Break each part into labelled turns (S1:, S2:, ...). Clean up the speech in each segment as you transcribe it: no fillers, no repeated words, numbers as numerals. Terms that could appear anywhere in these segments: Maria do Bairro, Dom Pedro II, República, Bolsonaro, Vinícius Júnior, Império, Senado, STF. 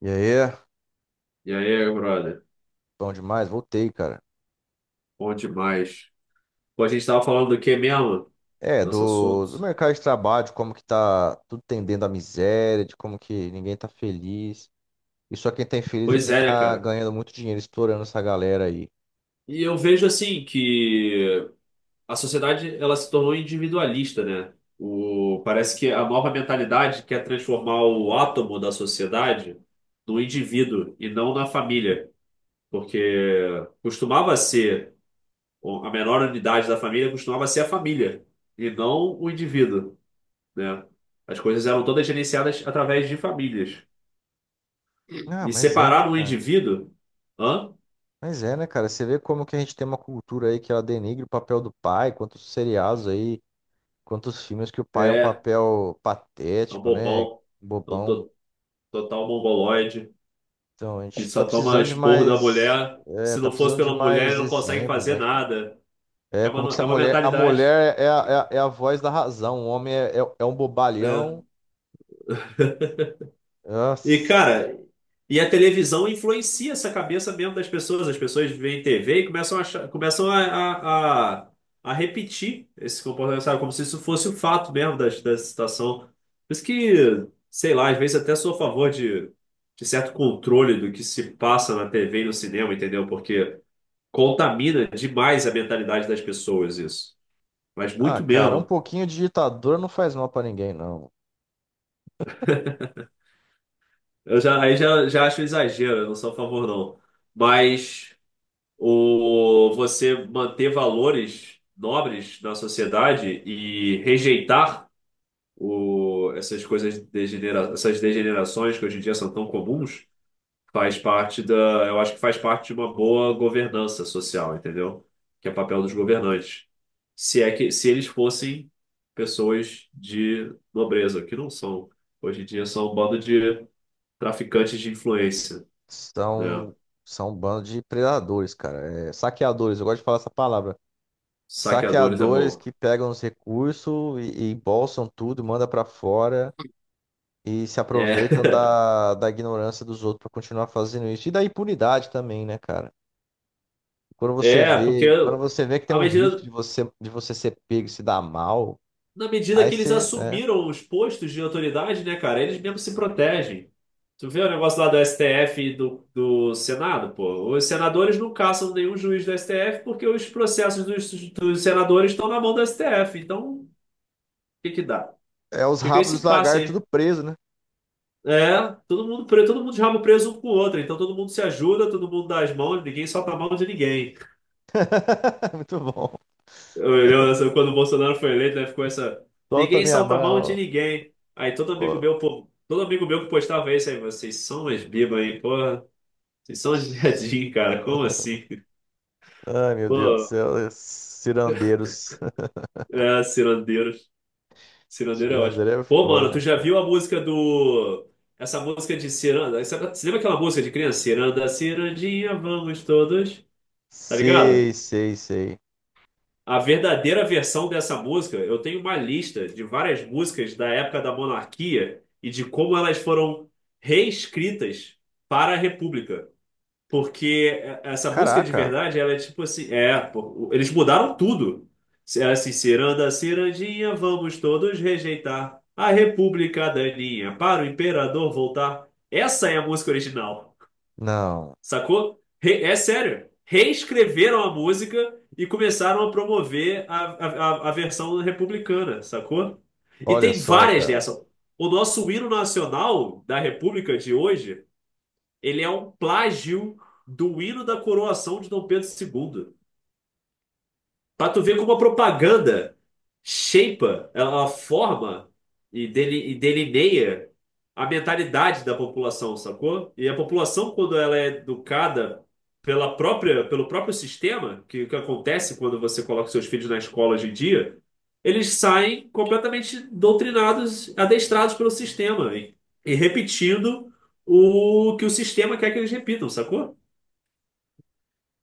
S1: E aí,
S2: E aí, brother?
S1: bom demais, voltei, cara.
S2: Bom demais. Pô, a gente tava falando do que mesmo?
S1: É,
S2: Nosso
S1: do,
S2: assunto.
S1: do mercado de trabalho, de como que tá tudo tendendo à miséria, de como que ninguém tá feliz. E só quem tá infeliz é
S2: Pois
S1: quem
S2: é, né,
S1: tá
S2: cara?
S1: ganhando muito dinheiro, estourando essa galera aí.
S2: E eu vejo assim que a sociedade ela se tornou individualista, né? Parece que a nova mentalidade quer transformar o átomo da sociedade no indivíduo e não na família. Porque costumava ser a menor unidade da família, costumava ser a família e não o indivíduo, né? As coisas eram todas gerenciadas através de famílias.
S1: Ah,
S2: E
S1: mas é, né,
S2: separar um
S1: cara?
S2: indivíduo? Hã?
S1: Mas é, né, cara? Você vê como que a gente tem uma cultura aí que ela denigre o papel do pai, quantos seriados aí, quantos filmes que o pai é um
S2: É
S1: papel
S2: um
S1: patético, né?
S2: bobão. É um
S1: Bobão.
S2: total mongoloide
S1: Então, a
S2: que
S1: gente tá
S2: só toma
S1: precisando de
S2: esporro da
S1: mais,
S2: mulher.
S1: é,
S2: Se
S1: tá
S2: não fosse
S1: precisando de
S2: pela mulher,
S1: mais
S2: ele não consegue
S1: exemplos,
S2: fazer
S1: né, cara?
S2: nada.
S1: É
S2: É
S1: como
S2: uma,
S1: que se a
S2: é uma
S1: mulher. A
S2: mentalidade.
S1: mulher é a voz da razão. O homem é um bobalhão.
S2: É. E,
S1: Nossa.
S2: cara, a televisão influencia essa cabeça mesmo das pessoas. As pessoas veem TV e começam a, achar- começam a repetir esse comportamento, sabe? Como se isso fosse o fato mesmo da situação. Por isso que, sei lá, às vezes até sou a favor de certo controle do que se passa na TV e no cinema, entendeu? Porque contamina demais a mentalidade das pessoas isso. Mas
S1: Ah,
S2: muito
S1: cara, um
S2: mesmo.
S1: pouquinho de ditadura não faz mal pra ninguém, não.
S2: Eu já, aí já, já acho exagero, eu não sou a favor, não. Mas. Você manter valores nobres na sociedade e rejeitar o, essas coisas degenera, essas degenerações que hoje em dia são tão comuns, faz parte da, eu acho que faz parte de uma boa governança social, entendeu? Que é papel dos governantes. Se é que se eles fossem pessoas de nobreza, que não são. Hoje em dia são um bando de traficantes de influência, né?
S1: São, são um bando de predadores, cara. É, saqueadores, eu gosto de falar essa palavra.
S2: Saqueadores é
S1: Saqueadores
S2: bom.
S1: que pegam os recursos e embolsam tudo, manda pra fora e se aproveitam
S2: É.
S1: da ignorância dos outros pra continuar fazendo isso. E da impunidade também, né, cara?
S2: É, porque
S1: Quando você vê que tem
S2: à
S1: um risco
S2: medida,
S1: de você ser pego e se dar mal,
S2: na medida
S1: aí
S2: que eles
S1: você, né?
S2: assumiram os postos de autoridade, né, cara, eles mesmos se protegem. Tu vê o negócio lá do STF e do Senado, pô. Os senadores não caçam nenhum juiz do STF porque os processos dos senadores estão na mão do STF. Então, o que que dá?
S1: É os
S2: Fica
S1: rabos dos
S2: esse passe
S1: lagartos
S2: aí.
S1: tudo preso, né?
S2: É, todo mundo de rabo preso um com o outro. Então todo mundo se ajuda, todo mundo dá as mãos, ninguém solta a mão de ninguém.
S1: Muito bom.
S2: Eu lembro dessa- quando o Bolsonaro foi eleito, né, ficou essa.
S1: Solta
S2: Ninguém
S1: minha
S2: solta a mão de
S1: mão.
S2: ninguém. Aí todo amigo
S1: Ô.
S2: meu, pô, todo amigo meu que postava isso aí, vocês são umas bibas, aí porra, vocês são uns viadinhos, cara. Como assim?
S1: Ai, meu Deus do
S2: Pô,
S1: céu. É Cirandeiros.
S2: é, cirandeiros. Cirandeiro é ótimo.
S1: Cirandeiro é
S2: Pô,
S1: foda,
S2: mano, tu
S1: né,
S2: já
S1: cara?
S2: viu a música do. Essa música de ciranda? Essa- Você lembra aquela música de criança? Ciranda, cirandinha, vamos todos. Tá ligado?
S1: Sei, sei, sei.
S2: A verdadeira versão dessa música, eu tenho uma lista de várias músicas da época da monarquia e de como elas foram reescritas para a República. Porque essa música de
S1: Caraca.
S2: verdade, ela é tipo assim, é, pô, eles mudaram tudo. É assim, ciranda, cirandinha, vamos todos rejeitar a República daninha para o imperador voltar. Essa é a música original.
S1: Não.
S2: Sacou? É sério. Reescreveram a música e começaram a promover a, a versão republicana, sacou? E
S1: Olha
S2: tem
S1: só,
S2: várias
S1: cara.
S2: dessas. O nosso hino nacional da República de hoje, ele é um plágio do hino da coroação de Dom Pedro II. Pra tu ver como a propaganda shapea, ela forma e delineia a mentalidade da população, sacou? E a população, quando ela é educada pelo próprio sistema, que acontece quando você coloca seus filhos na escola hoje em dia, eles saem completamente doutrinados, adestrados pelo sistema e, repetindo o que o sistema quer que eles repitam, sacou?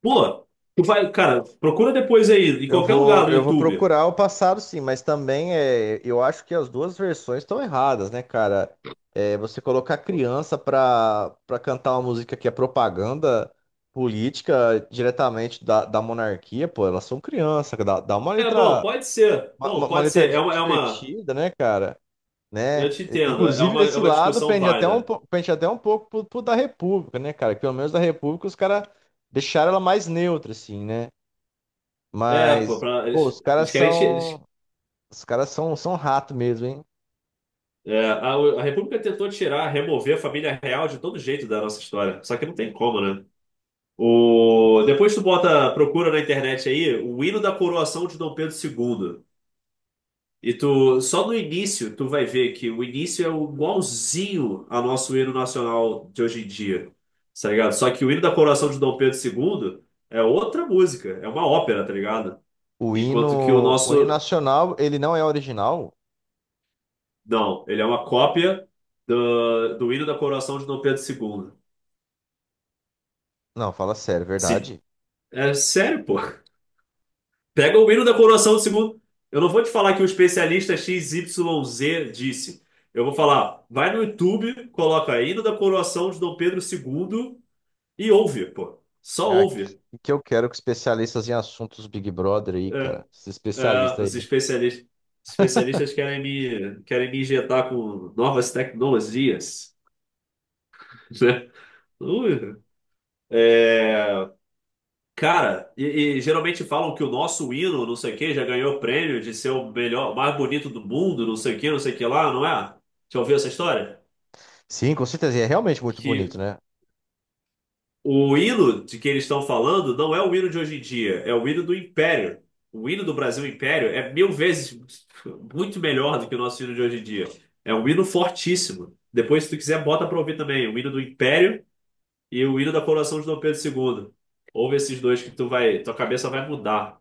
S2: Pô, tu vai, cara, procura depois aí, em qualquer lugar no
S1: Eu vou
S2: YouTube.
S1: procurar o passado, sim, mas também é, eu acho que as duas versões estão erradas, né, cara? É, você colocar criança pra cantar uma música que é propaganda política diretamente da monarquia, pô, elas são crianças, dá, dá uma
S2: É, bom,
S1: letra,
S2: pode ser.
S1: uma,
S2: Bom,
S1: uma- uma
S2: pode
S1: letra
S2: ser.
S1: divertida, né, cara?
S2: Eu
S1: Né?
S2: te entendo. É
S1: Inclusive,
S2: uma, é
S1: desse
S2: uma
S1: lado,
S2: discussão
S1: pende até um,
S2: válida.
S1: pende até um pouco pro da República, né, cara? Que pelo menos da República os caras deixaram ela mais neutra, assim, né?
S2: É, pô,
S1: Mas,
S2: pra-
S1: pô,
S2: eles,
S1: os caras
S2: eles querem.
S1: são. Os caras são, são rato mesmo, hein?
S2: É, a, a República tentou tirar, remover a família real de todo jeito da nossa história. Só que não tem como, né? Depois tu bota, procura na internet aí, o hino da coroação de Dom Pedro II. E tu, só no início, tu vai ver que o início é igualzinho ao nosso hino nacional de hoje em dia, tá ligado? Só que o hino da coroação de Dom Pedro II é outra música, é uma ópera, tá ligado? Enquanto que o
S1: O hino
S2: nosso,
S1: nacional, ele não é original?
S2: não, ele é uma cópia do hino da coroação de Dom Pedro II.
S1: Não, fala sério, é
S2: Se,
S1: verdade.
S2: É sério, pô. Pega o hino da coroação do segundo. Eu não vou te falar que o especialista XYZ disse. Eu vou falar, vai no YouTube, coloca hino da coroação de Dom Pedro II e ouve, pô. Só
S1: Ah,
S2: ouve.
S1: que eu quero que especialistas em assuntos Big Brother aí,
S2: É,
S1: cara. Esses especialistas
S2: os
S1: aí.
S2: especialistas, especialistas querem me injetar com novas tecnologias, né? Ui. É, cara, e geralmente falam que o nosso hino, não sei o quê, já ganhou o prêmio de ser o melhor, o mais bonito do mundo, não sei o quê, não sei o que lá, não é? Já ouviu essa história?
S1: Sim, com certeza. E é realmente muito bonito,
S2: Que
S1: né?
S2: o hino de que eles estão falando não é o hino de hoje em dia, é o hino do Império. O hino do Brasil Império é mil vezes muito melhor do que o nosso hino de hoje em dia. É um hino fortíssimo. Depois, se tu quiser, bota pra ouvir também o hino do Império e o hino da coroação de Dom Pedro II. Ouve esses dois que tu vai, tua cabeça vai mudar,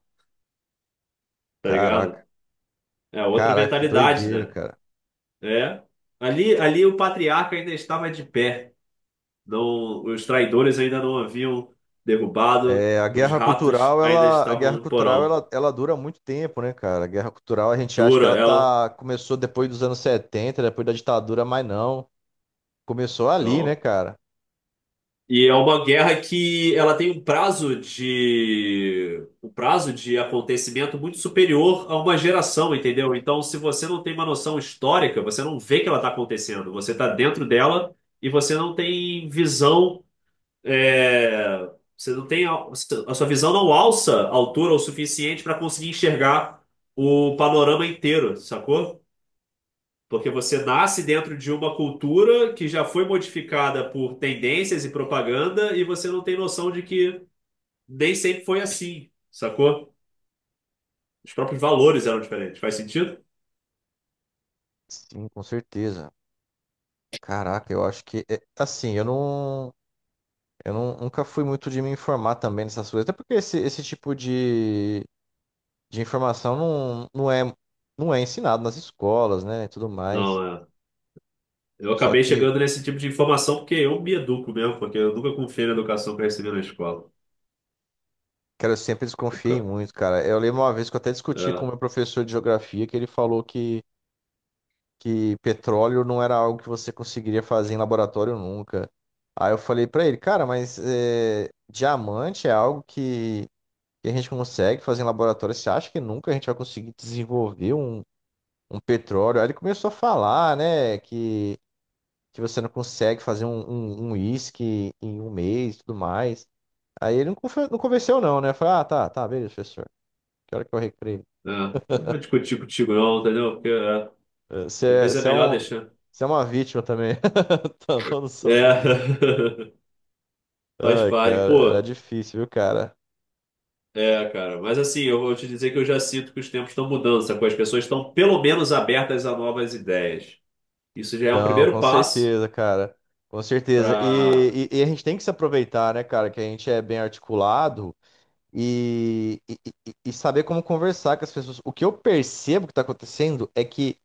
S2: tá ligado?
S1: Caraca,
S2: É outra
S1: caraca, que
S2: mentalidade,
S1: doideira,
S2: né?
S1: cara.
S2: É. Ali o patriarca ainda estava de pé. Não, os traidores ainda não haviam derrubado,
S1: É, a
S2: os
S1: guerra
S2: ratos
S1: cultural,
S2: ainda
S1: ela, a guerra
S2: estavam no
S1: cultural,
S2: porão.
S1: ela dura muito tempo, né, cara? A guerra cultural, a gente acha que
S2: Dura
S1: ela
S2: ela,
S1: tá, começou depois dos anos 70 depois da ditadura, mas não. Começou ali, né,
S2: não.
S1: cara?
S2: E é uma guerra que ela tem um prazo de acontecimento muito superior a uma geração, entendeu? Então, se você não tem uma noção histórica, você não vê que ela está acontecendo. Você está dentro dela e você não tem visão é, você não tem a sua visão não alça a altura o suficiente para conseguir enxergar o panorama inteiro, sacou? Porque você nasce dentro de uma cultura que já foi modificada por tendências e propaganda e você não tem noção de que nem sempre foi assim, sacou? Os próprios valores eram diferentes. Faz sentido?
S1: Sim, com certeza. Caraca, eu acho que é, assim, eu não, nunca fui muito de me informar também nessas coisas, até porque esse tipo de informação não, não é, não é ensinado nas escolas, né, e tudo mais.
S2: Não, é. Eu
S1: Só
S2: acabei
S1: que,
S2: chegando nesse tipo de informação porque eu me educo mesmo, porque eu nunca confiei na educação que eu recebi na escola.
S1: cara, eu sempre desconfiei
S2: Nunca.
S1: muito, cara. Eu lembro uma vez que eu até discuti com o
S2: É.
S1: meu professor de geografia que ele falou que petróleo não era algo que você conseguiria fazer em laboratório nunca. Aí eu falei pra ele, cara, mas é, diamante é algo que a gente consegue fazer em laboratório. Você acha que nunca a gente vai conseguir desenvolver um, um petróleo? Aí ele começou a falar, né, que você não consegue fazer um, um uísque em um mês e tudo mais. Aí ele não, não convenceu não, né? Eu falei, ah, tá, tá, beleza, professor. Que hora que eu recreio?
S2: É, não vou discutir contigo não, entendeu?
S1: Eh, você
S2: Às
S1: é,
S2: vezes é
S1: você é
S2: melhor
S1: um,
S2: deixar.
S1: você é uma vítima também. Tô, tô no sono.
S2: É, faz
S1: Ai,
S2: parte.
S1: cara, era
S2: Pô,
S1: difícil, viu, cara?
S2: é, cara. Mas assim, eu vou te dizer que eu já sinto que os tempos estão mudando, sacou? As pessoas estão pelo menos abertas a novas ideias. Isso já é um
S1: Então,
S2: primeiro
S1: com
S2: passo
S1: certeza, cara. Com certeza.
S2: para
S1: E, e a gente tem que se aproveitar, né, cara, que a gente é bem articulado e, e saber como conversar com as pessoas. O que eu percebo que está acontecendo é que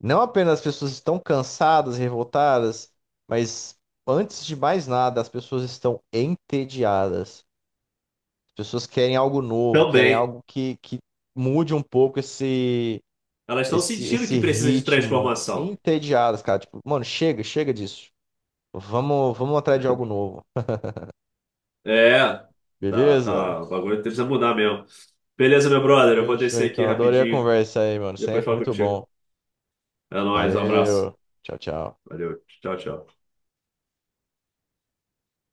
S1: não apenas as pessoas estão cansadas, revoltadas, mas antes de mais nada, as pessoas estão entediadas. As pessoas querem algo novo, querem
S2: também.
S1: algo que mude um pouco esse.
S2: Elas estão
S1: esse,
S2: sentindo que
S1: esse
S2: precisa de
S1: ritmo
S2: transformação.
S1: entediadas, cara. Tipo, mano, chega, chega disso. Vamos, vamos atrás de algo novo.
S2: É, tá,
S1: Beleza?
S2: tá. O bagulho precisa mudar mesmo. Beleza, meu brother. Eu vou
S1: Fechou
S2: descer aqui
S1: então. Adorei a
S2: rapidinho.
S1: conversa aí, mano.
S2: Depois
S1: Sempre
S2: falo
S1: muito
S2: contigo.
S1: bom.
S2: É nóis, um abraço.
S1: Valeu. Tchau, tchau.
S2: Valeu. Tchau, tchau.